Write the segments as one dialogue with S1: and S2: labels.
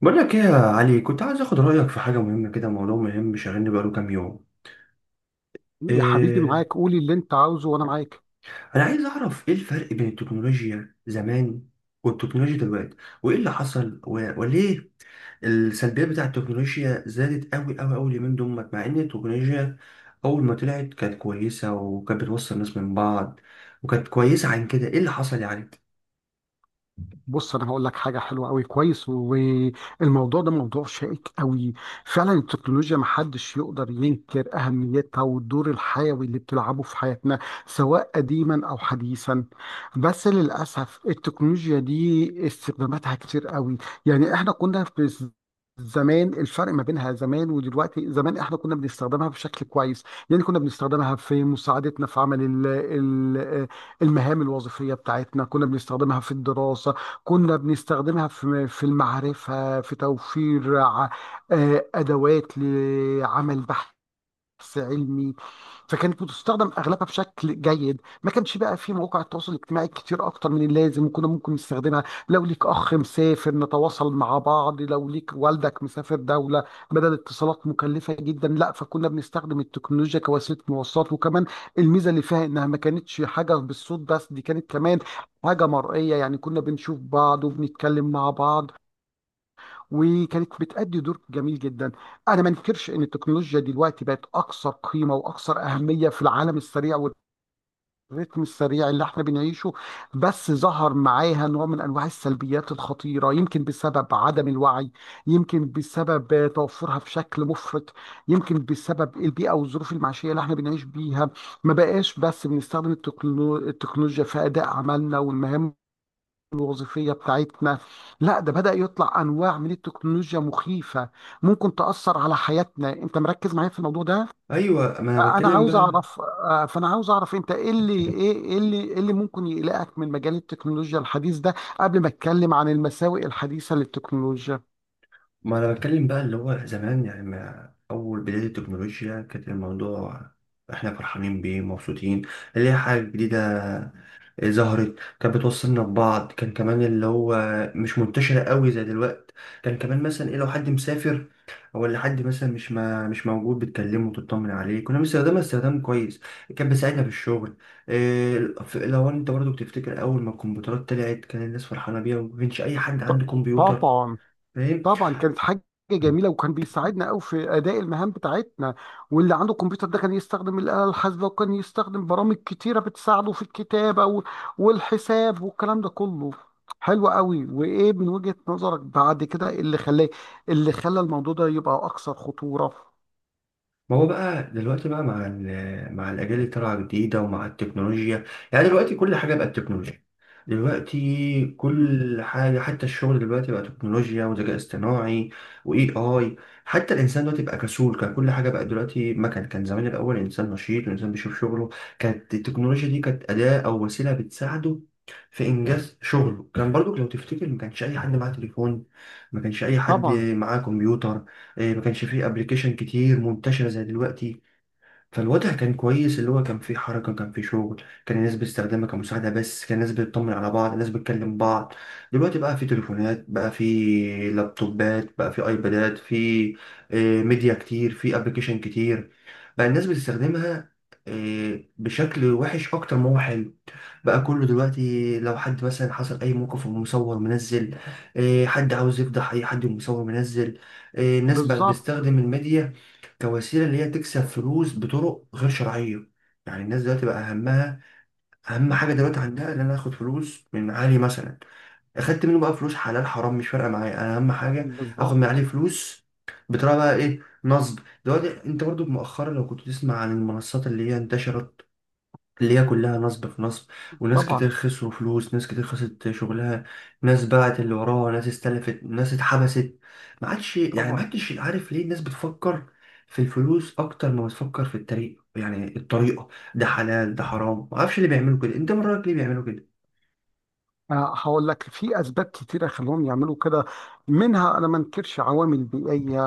S1: بقول لك ايه يا علي، كنت عايز اخد رايك في حاجه مهمه كده. موضوع مهم شاغلني بقاله كام يوم.
S2: يا حبيبي
S1: إيه
S2: معاك، قولي اللي انت عاوزه وانا معاك.
S1: انا عايز اعرف ايه الفرق بين التكنولوجيا زمان والتكنولوجيا دلوقتي، وايه اللي حصل وليه السلبيات بتاع التكنولوجيا زادت قوي قوي قوي اليومين دول، مع ان التكنولوجيا اول ما طلعت كانت كويسه وكانت بتوصل الناس من بعض، وكانت كويسه. عن كده ايه اللي حصل يعني؟
S2: بص، انا هقول لك حاجه حلوه قوي. كويس. والموضوع ده موضوع شائك قوي. فعلا التكنولوجيا محدش يقدر ينكر اهميتها والدور الحيوي اللي بتلعبه في حياتنا سواء قديما او حديثا. بس للاسف التكنولوجيا دي استخداماتها كتير قوي. يعني احنا كنا في زمان. الفرق ما بينها زمان ودلوقتي، زمان احنا كنا بنستخدمها بشكل كويس. يعني كنا بنستخدمها في مساعدتنا في عمل المهام الوظيفية بتاعتنا، كنا بنستخدمها في الدراسة، كنا بنستخدمها في المعرفة، في توفير أدوات لعمل بحث، بحث علمي. فكانت بتستخدم اغلبها بشكل جيد. ما كانش بقى في مواقع التواصل الاجتماعي كتير اكتر من اللازم، وكنا ممكن نستخدمها لو ليك اخ مسافر نتواصل مع بعض، لو ليك والدك مسافر دولة بدل اتصالات مكلفة جدا، لا، فكنا بنستخدم التكنولوجيا كوسيلة مواصلات. وكمان الميزة اللي فيها انها ما كانتش حاجة بالصوت بس، دي كانت كمان حاجة مرئية، يعني كنا بنشوف بعض وبنتكلم مع بعض، وكانت بتأدي دور جميل جدا. انا ما انكرش ان التكنولوجيا دلوقتي بقت اكثر قيمة واكثر أهمية في العالم السريع والريتم السريع اللي احنا بنعيشه. بس ظهر معاها نوع من انواع السلبيات الخطيرة، يمكن بسبب عدم الوعي، يمكن بسبب توفرها في شكل مفرط، يمكن بسبب البيئة والظروف المعيشية اللي احنا بنعيش بيها. ما بقاش بس بنستخدم التكنولوجيا في أداء عملنا والمهام الوظيفية بتاعتنا، لا ده بدأ يطلع أنواع من التكنولوجيا مخيفة ممكن تأثر على حياتنا. أنت مركز معايا في الموضوع ده؟
S1: ايوه ما انا
S2: فأنا
S1: بتكلم
S2: عاوز
S1: بقى.
S2: أعرف أنت إيه اللي ممكن يقلقك من مجال التكنولوجيا الحديث ده، قبل ما أتكلم عن المساوئ الحديثة للتكنولوجيا.
S1: اللي هو زمان يعني، ما اول بداية التكنولوجيا كانت الموضوع احنا فرحانين بيه مبسوطين، اللي هي حاجة جديدة ظهرت، كانت بتوصلنا ببعض. كان كمان اللي هو مش منتشرة قوي زي دلوقتي. كان كمان مثلا ايه، لو حد مسافر او اللي حد مثلا مش موجود بتكلمه وتطمن عليه. كنا بنستخدمها استخدام كويس، كان بيساعدنا في الشغل. إيه، لو انت برضو بتفتكر اول ما الكمبيوترات طلعت كان الناس فرحانة بيها، وما كانش اي حد
S2: ط-
S1: عنده كمبيوتر،
S2: طبعا.
S1: فاهم؟
S2: طبعا كانت حاجه جميله وكان بيساعدنا قوي في اداء المهام بتاعتنا. واللي عنده كمبيوتر ده كان يستخدم الاله الحاسبه، وكان يستخدم برامج كتيره بتساعده في والحساب والكلام ده كله. حلو قوي. وايه من وجهه نظرك بعد كده اللي خلاه، اللي خلى الموضوع ده يبقى اكثر خطوره؟
S1: ما هو بقى دلوقتي بقى مع مع الأجيال اللي طالعة جديدة ومع التكنولوجيا، يعني دلوقتي كل حاجة بقت تكنولوجيا. دلوقتي
S2: مم.
S1: كل حاجة حتى الشغل دلوقتي بقى تكنولوجيا وذكاء اصطناعي وإي آي. حتى الإنسان دلوقتي بقى كسول، كان كل حاجة بقت دلوقتي. ما كان زمان الأول الإنسان نشيط والإنسان بيشوف شغله، كانت التكنولوجيا دي كانت أداة أو وسيلة بتساعده في إنجاز شغله. كان برضو لو تفتكر ما كانش أي حد معاه تليفون، ما كانش أي حد
S2: طبعا.
S1: معاه كمبيوتر. ما كانش فيه ابلكيشن كتير منتشره زي دلوقتي. فالوضع كان كويس، اللي هو كان فيه حركه، كان فيه شغل، كان الناس بتستخدمها كمساعده بس، كان الناس بتطمن على بعض، الناس بتكلم بعض. دلوقتي بقى فيه تليفونات، بقى فيه لابتوبات، بقى فيه ايبادات، فيه ميديا كتير، فيه ابلكيشن كتير. بقى الناس بتستخدمها بشكل وحش اكتر ما هو حلو. بقى كله دلوقتي لو حد مثلا حصل اي موقف ومصور منزل، حد عاوز يفضح اي حد ومصور منزل. الناس بقت
S2: بالظبط.
S1: بتستخدم الميديا كوسيله اللي هي تكسب فلوس بطرق غير شرعيه. يعني الناس دلوقتي بقى همها اهم حاجه دلوقتي عندها ان انا اخد فلوس من علي مثلا، اخدت منه بقى فلوس حلال حرام مش فارقه معايا، انا اهم حاجه اخد من عليه
S2: بالظبط.
S1: فلوس بطريقه بقى ايه، نصب. دلوقتي انت برضو مؤخرا لو كنت تسمع عن المنصات اللي هي انتشرت، اللي هي كلها نصب في نصب، وناس
S2: طبعا.
S1: كتير خسروا فلوس، ناس كتير خسرت شغلها، ناس باعت اللي وراها، ناس استلفت، ناس اتحبست. ما عادش يعني ما
S2: طبعا.
S1: عادش عارف ليه الناس بتفكر في الفلوس اكتر ما بتفكر في الطريق، يعني الطريقة ده حلال ده حرام. ما اعرفش اللي بيعملوا كده، انت من رأيك ليه بيعملوا كده؟
S2: أنا هقول لك في اسباب كتيره خلوهم يعملوا كده. منها، انا ما انكرش، عوامل بيئيه،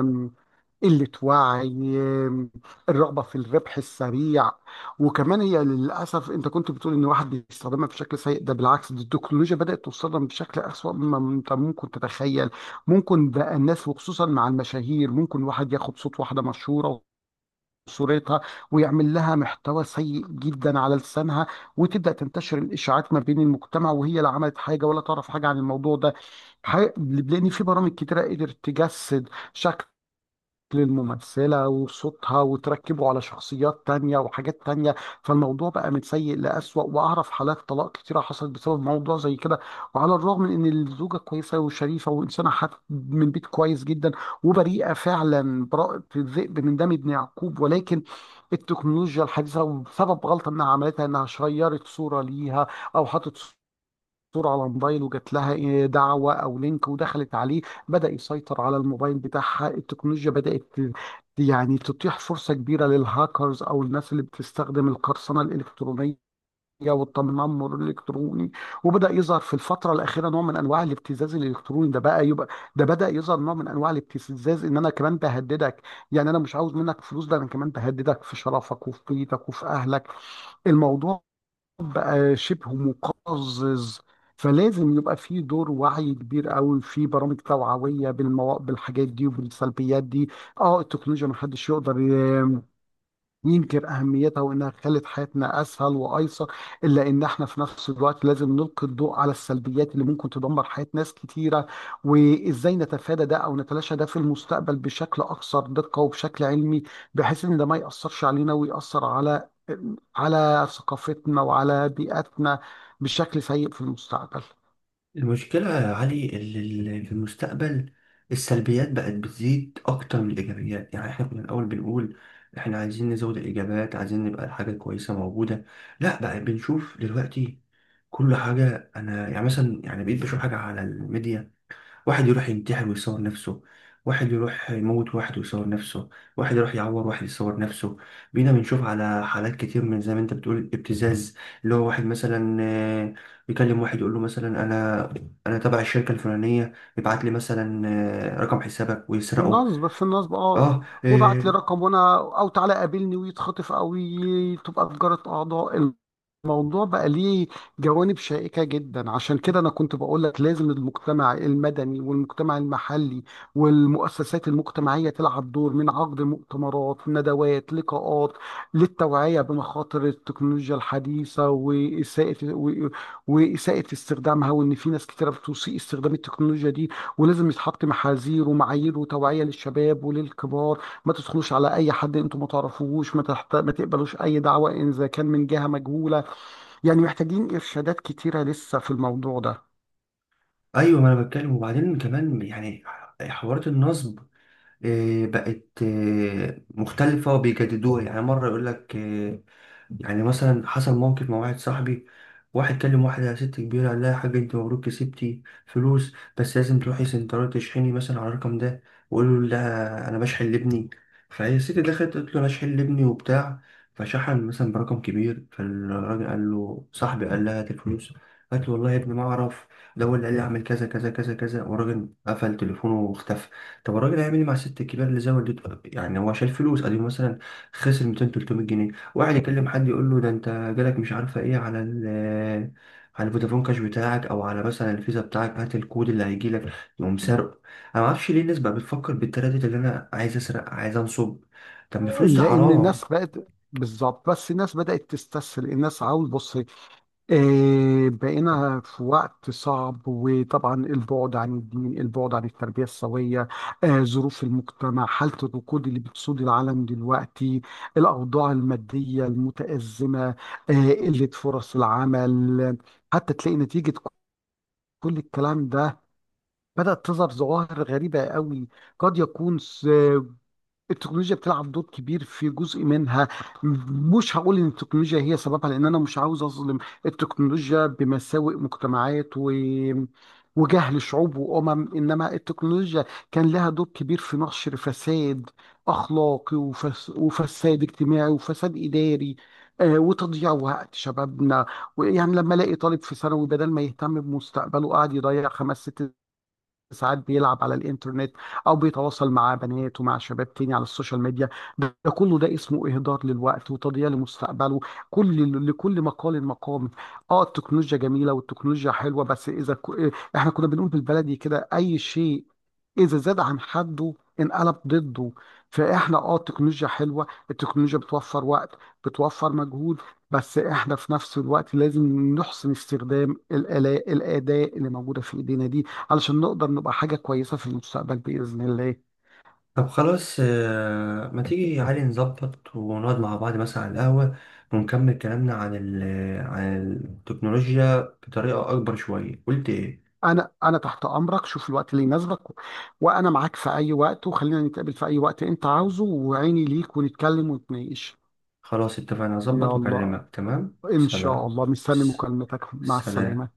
S2: آم، قله وعي، آم، الرغبه في الربح السريع. وكمان هي للاسف، انت كنت بتقول ان واحد بيستخدمها بشكل سيء، ده بالعكس، دي التكنولوجيا بدات توصلنا بشكل اسوأ مما انت ممكن تتخيل. ممكن بقى الناس، وخصوصا مع المشاهير، ممكن واحد ياخد صوت واحده مشهوره، صورتها، ويعمل لها محتوى سيء جدا على لسانها، وتبدأ تنتشر الإشاعات ما بين المجتمع، وهي لا عملت حاجة ولا تعرف حاجة عن الموضوع ده. لأن في برامج كتيرة قدرت تجسد شكل للممثلة وصوتها وتركبه على شخصيات تانية وحاجات تانية. فالموضوع بقى من سيء لأسوأ، وأعرف حالات طلاق كتيرة حصلت بسبب موضوع زي كده، وعلى الرغم من إن الزوجة كويسة وشريفة وإنسانة حت من بيت كويس جدا وبريئة فعلا براءة الذئب من دم ابن يعقوب، ولكن التكنولوجيا الحديثة، وسبب غلطة إنها عملتها إنها شيرت صورة ليها أو حطت صورة على موبايل وجات لها دعوة أو لينك ودخلت عليه، بدأ يسيطر على الموبايل بتاعها. التكنولوجيا بدأت تتيح فرصة كبيرة للهاكرز أو الناس اللي بتستخدم القرصنة الإلكترونية والتنمر الالكتروني. وبدا يظهر في الفتره الاخيره نوع من انواع الابتزاز الالكتروني. ده بقى يبقى ده بدا يظهر نوع من انواع الابتزاز ان انا كمان بهددك، يعني انا مش عاوز منك فلوس، ده انا كمان بهددك في شرفك وفي بيتك وفي اهلك. الموضوع بقى شبه مقزز. فلازم يبقى في دور وعي كبير قوي، في برامج توعويه بالحاجات دي وبالسلبيات دي. اه، التكنولوجيا ما حدش يقدر ينكر أهميتها وإنها خلت حياتنا أسهل وأيسر، إلا إن إحنا في نفس الوقت لازم نلقي الضوء على السلبيات اللي ممكن تدمر حياة ناس كتيرة، وإزاي نتفادى ده أو نتلاشى ده في المستقبل بشكل أكثر دقة وبشكل علمي، بحيث إن ده ما يأثرش علينا ويأثر على على ثقافتنا وعلى بيئتنا بشكل سيء في المستقبل.
S1: المشكلة يا علي اللي في المستقبل السلبيات بقت بتزيد اكتر من الايجابيات. يعني احنا كنا الاول بنقول احنا عايزين نزود الايجابات، عايزين نبقى الحاجة كويسة موجودة. لا، بقى بنشوف دلوقتي كل حاجة. أنا يعني مثلا يعني بقيت بشوف حاجة على الميديا، واحد يروح ينتحر ويصور نفسه، واحد يروح يموت واحد ويصور نفسه، واحد يروح يعور واحد يصور نفسه. بينا بنشوف على حالات كتير من زي ما انت بتقول، ابتزاز. اللي هو واحد مثلا يكلم واحد يقول له مثلا انا تبع الشركة الفلانية، يبعت لي مثلا رقم حسابك
S2: في
S1: ويسرقه.
S2: النصب، في النصب، اه.
S1: اه
S2: وابعت لي
S1: آه،
S2: رقم وانا، او تعالى قابلني ويتخطف، او تبقى في جارة اعضاء. الموضوع بقى ليه جوانب شائكة جدا، عشان كده انا كنت بقول لك لازم المجتمع المدني والمجتمع المحلي والمؤسسات المجتمعية تلعب دور من عقد مؤتمرات، ندوات، لقاءات للتوعية بمخاطر التكنولوجيا الحديثة وإساءة استخدامها، وإن في ناس كتيرة بتسيء استخدام التكنولوجيا دي. ولازم يتحط محاذير ومعايير وتوعية للشباب وللكبار، ما تدخلوش على اي حد انتم ما تعرفوهوش، ما تقبلوش اي دعوة ان اذا كان من جهة مجهولة. يعني محتاجين ارشادات كتيرة لسه في الموضوع ده.
S1: ايوه ما انا بتكلم. وبعدين كمان يعني حوارات النصب بقت مختلفة وبيجددوها. يعني مرة يقول لك يعني مثلا حصل موقف مع واحد صاحبي، واحد كلم واحدة ست كبيرة قال لها يا حاج انت مبروك كسبتي فلوس، بس لازم تروحي سنترال تشحني مثلا على الرقم ده، وقولوا لها انا بشحن لابني. فهي الست دخلت قالت له انا اشحن لابني وبتاع، فشحن مثلا برقم كبير. فالراجل قال له صاحبي قال لها هات الفلوس، قالت له والله يا ابني ما اعرف، ده هو اللي قال لي اعمل كذا كذا كذا كذا. والراجل قفل تليفونه واختفى. طب الراجل هيعمل ايه مع الست الكبيره اللي زودت؟ يعني هو شايل فلوس قديم مثلا، خسر 200 300 جنيه. واحد يكلم حد يقول له ده انت جالك مش عارفه ايه على على الفودافون كاش بتاعك او على مثلا الفيزا بتاعك، هات الكود اللي هيجي لك، يقوم سرقه. انا ما اعرفش ليه الناس بقى بتفكر بالتردد اللي انا عايز اسرق عايز انصب، طب ما الفلوس دي
S2: لان
S1: حرام.
S2: الناس بقت، بالظبط، بس الناس بدأت تستسهل، الناس عاوز، بص، بقينا في وقت صعب. وطبعا البعد عن الدين، البعد عن التربية السوية، ظروف المجتمع، حالة الركود اللي بتسود العالم دلوقتي، الأوضاع المادية المتأزمة آه، قلة فرص العمل، حتى تلاقي نتيجة كل الكلام ده بدأت تظهر ظواهر غريبة قوي. قد يكون التكنولوجيا بتلعب دور كبير في جزء منها، مش هقول ان التكنولوجيا هي سببها، لان انا مش عاوز اظلم التكنولوجيا بمساوئ مجتمعات وجهل شعوب وامم، انما التكنولوجيا كان لها دور كبير في نشر فساد اخلاقي وفساد اجتماعي وفساد اداري، وتضييع وقت شبابنا. يعني لما الاقي طالب في ثانوي بدل ما يهتم بمستقبله قاعد يضيع خمس ست ساعات بيلعب على الانترنت او بيتواصل مع بنات ومع شباب تاني على السوشيال ميديا، ده كله ده اسمه اهدار للوقت وتضييع لمستقبله. كل، لكل مقال مقام. اه، التكنولوجيا جميله والتكنولوجيا حلوه، بس احنا كنا بنقول بالبلدي كده، اي شيء اذا زاد عن حده انقلب ضده. فاحنا اه التكنولوجيا حلوه، التكنولوجيا بتوفر وقت، بتوفر مجهود، بس احنا في نفس الوقت لازم نحسن استخدام الآلاء الاداه اللي موجوده في ايدينا دي، علشان نقدر نبقى حاجة كويسة في المستقبل بإذن الله.
S1: طب خلاص ما تيجي يا علي نظبط ونقعد مع بعض مثلا على القهوه، ونكمل كلامنا عن عن التكنولوجيا بطريقه اكبر شويه، قلت ايه؟
S2: أنا تحت أمرك، شوف الوقت اللي يناسبك وأنا معاك في أي وقت، وخلينا نتقابل في أي وقت أنت عاوزه، وعيني ليك، ونتكلم ونتناقش.
S1: خلاص، اتفقنا، اظبط
S2: يلا،
S1: واكلمك، تمام،
S2: إن شاء
S1: سلام.
S2: الله مستني
S1: س-
S2: مكالمتك. مع
S1: سلام.
S2: السلامة.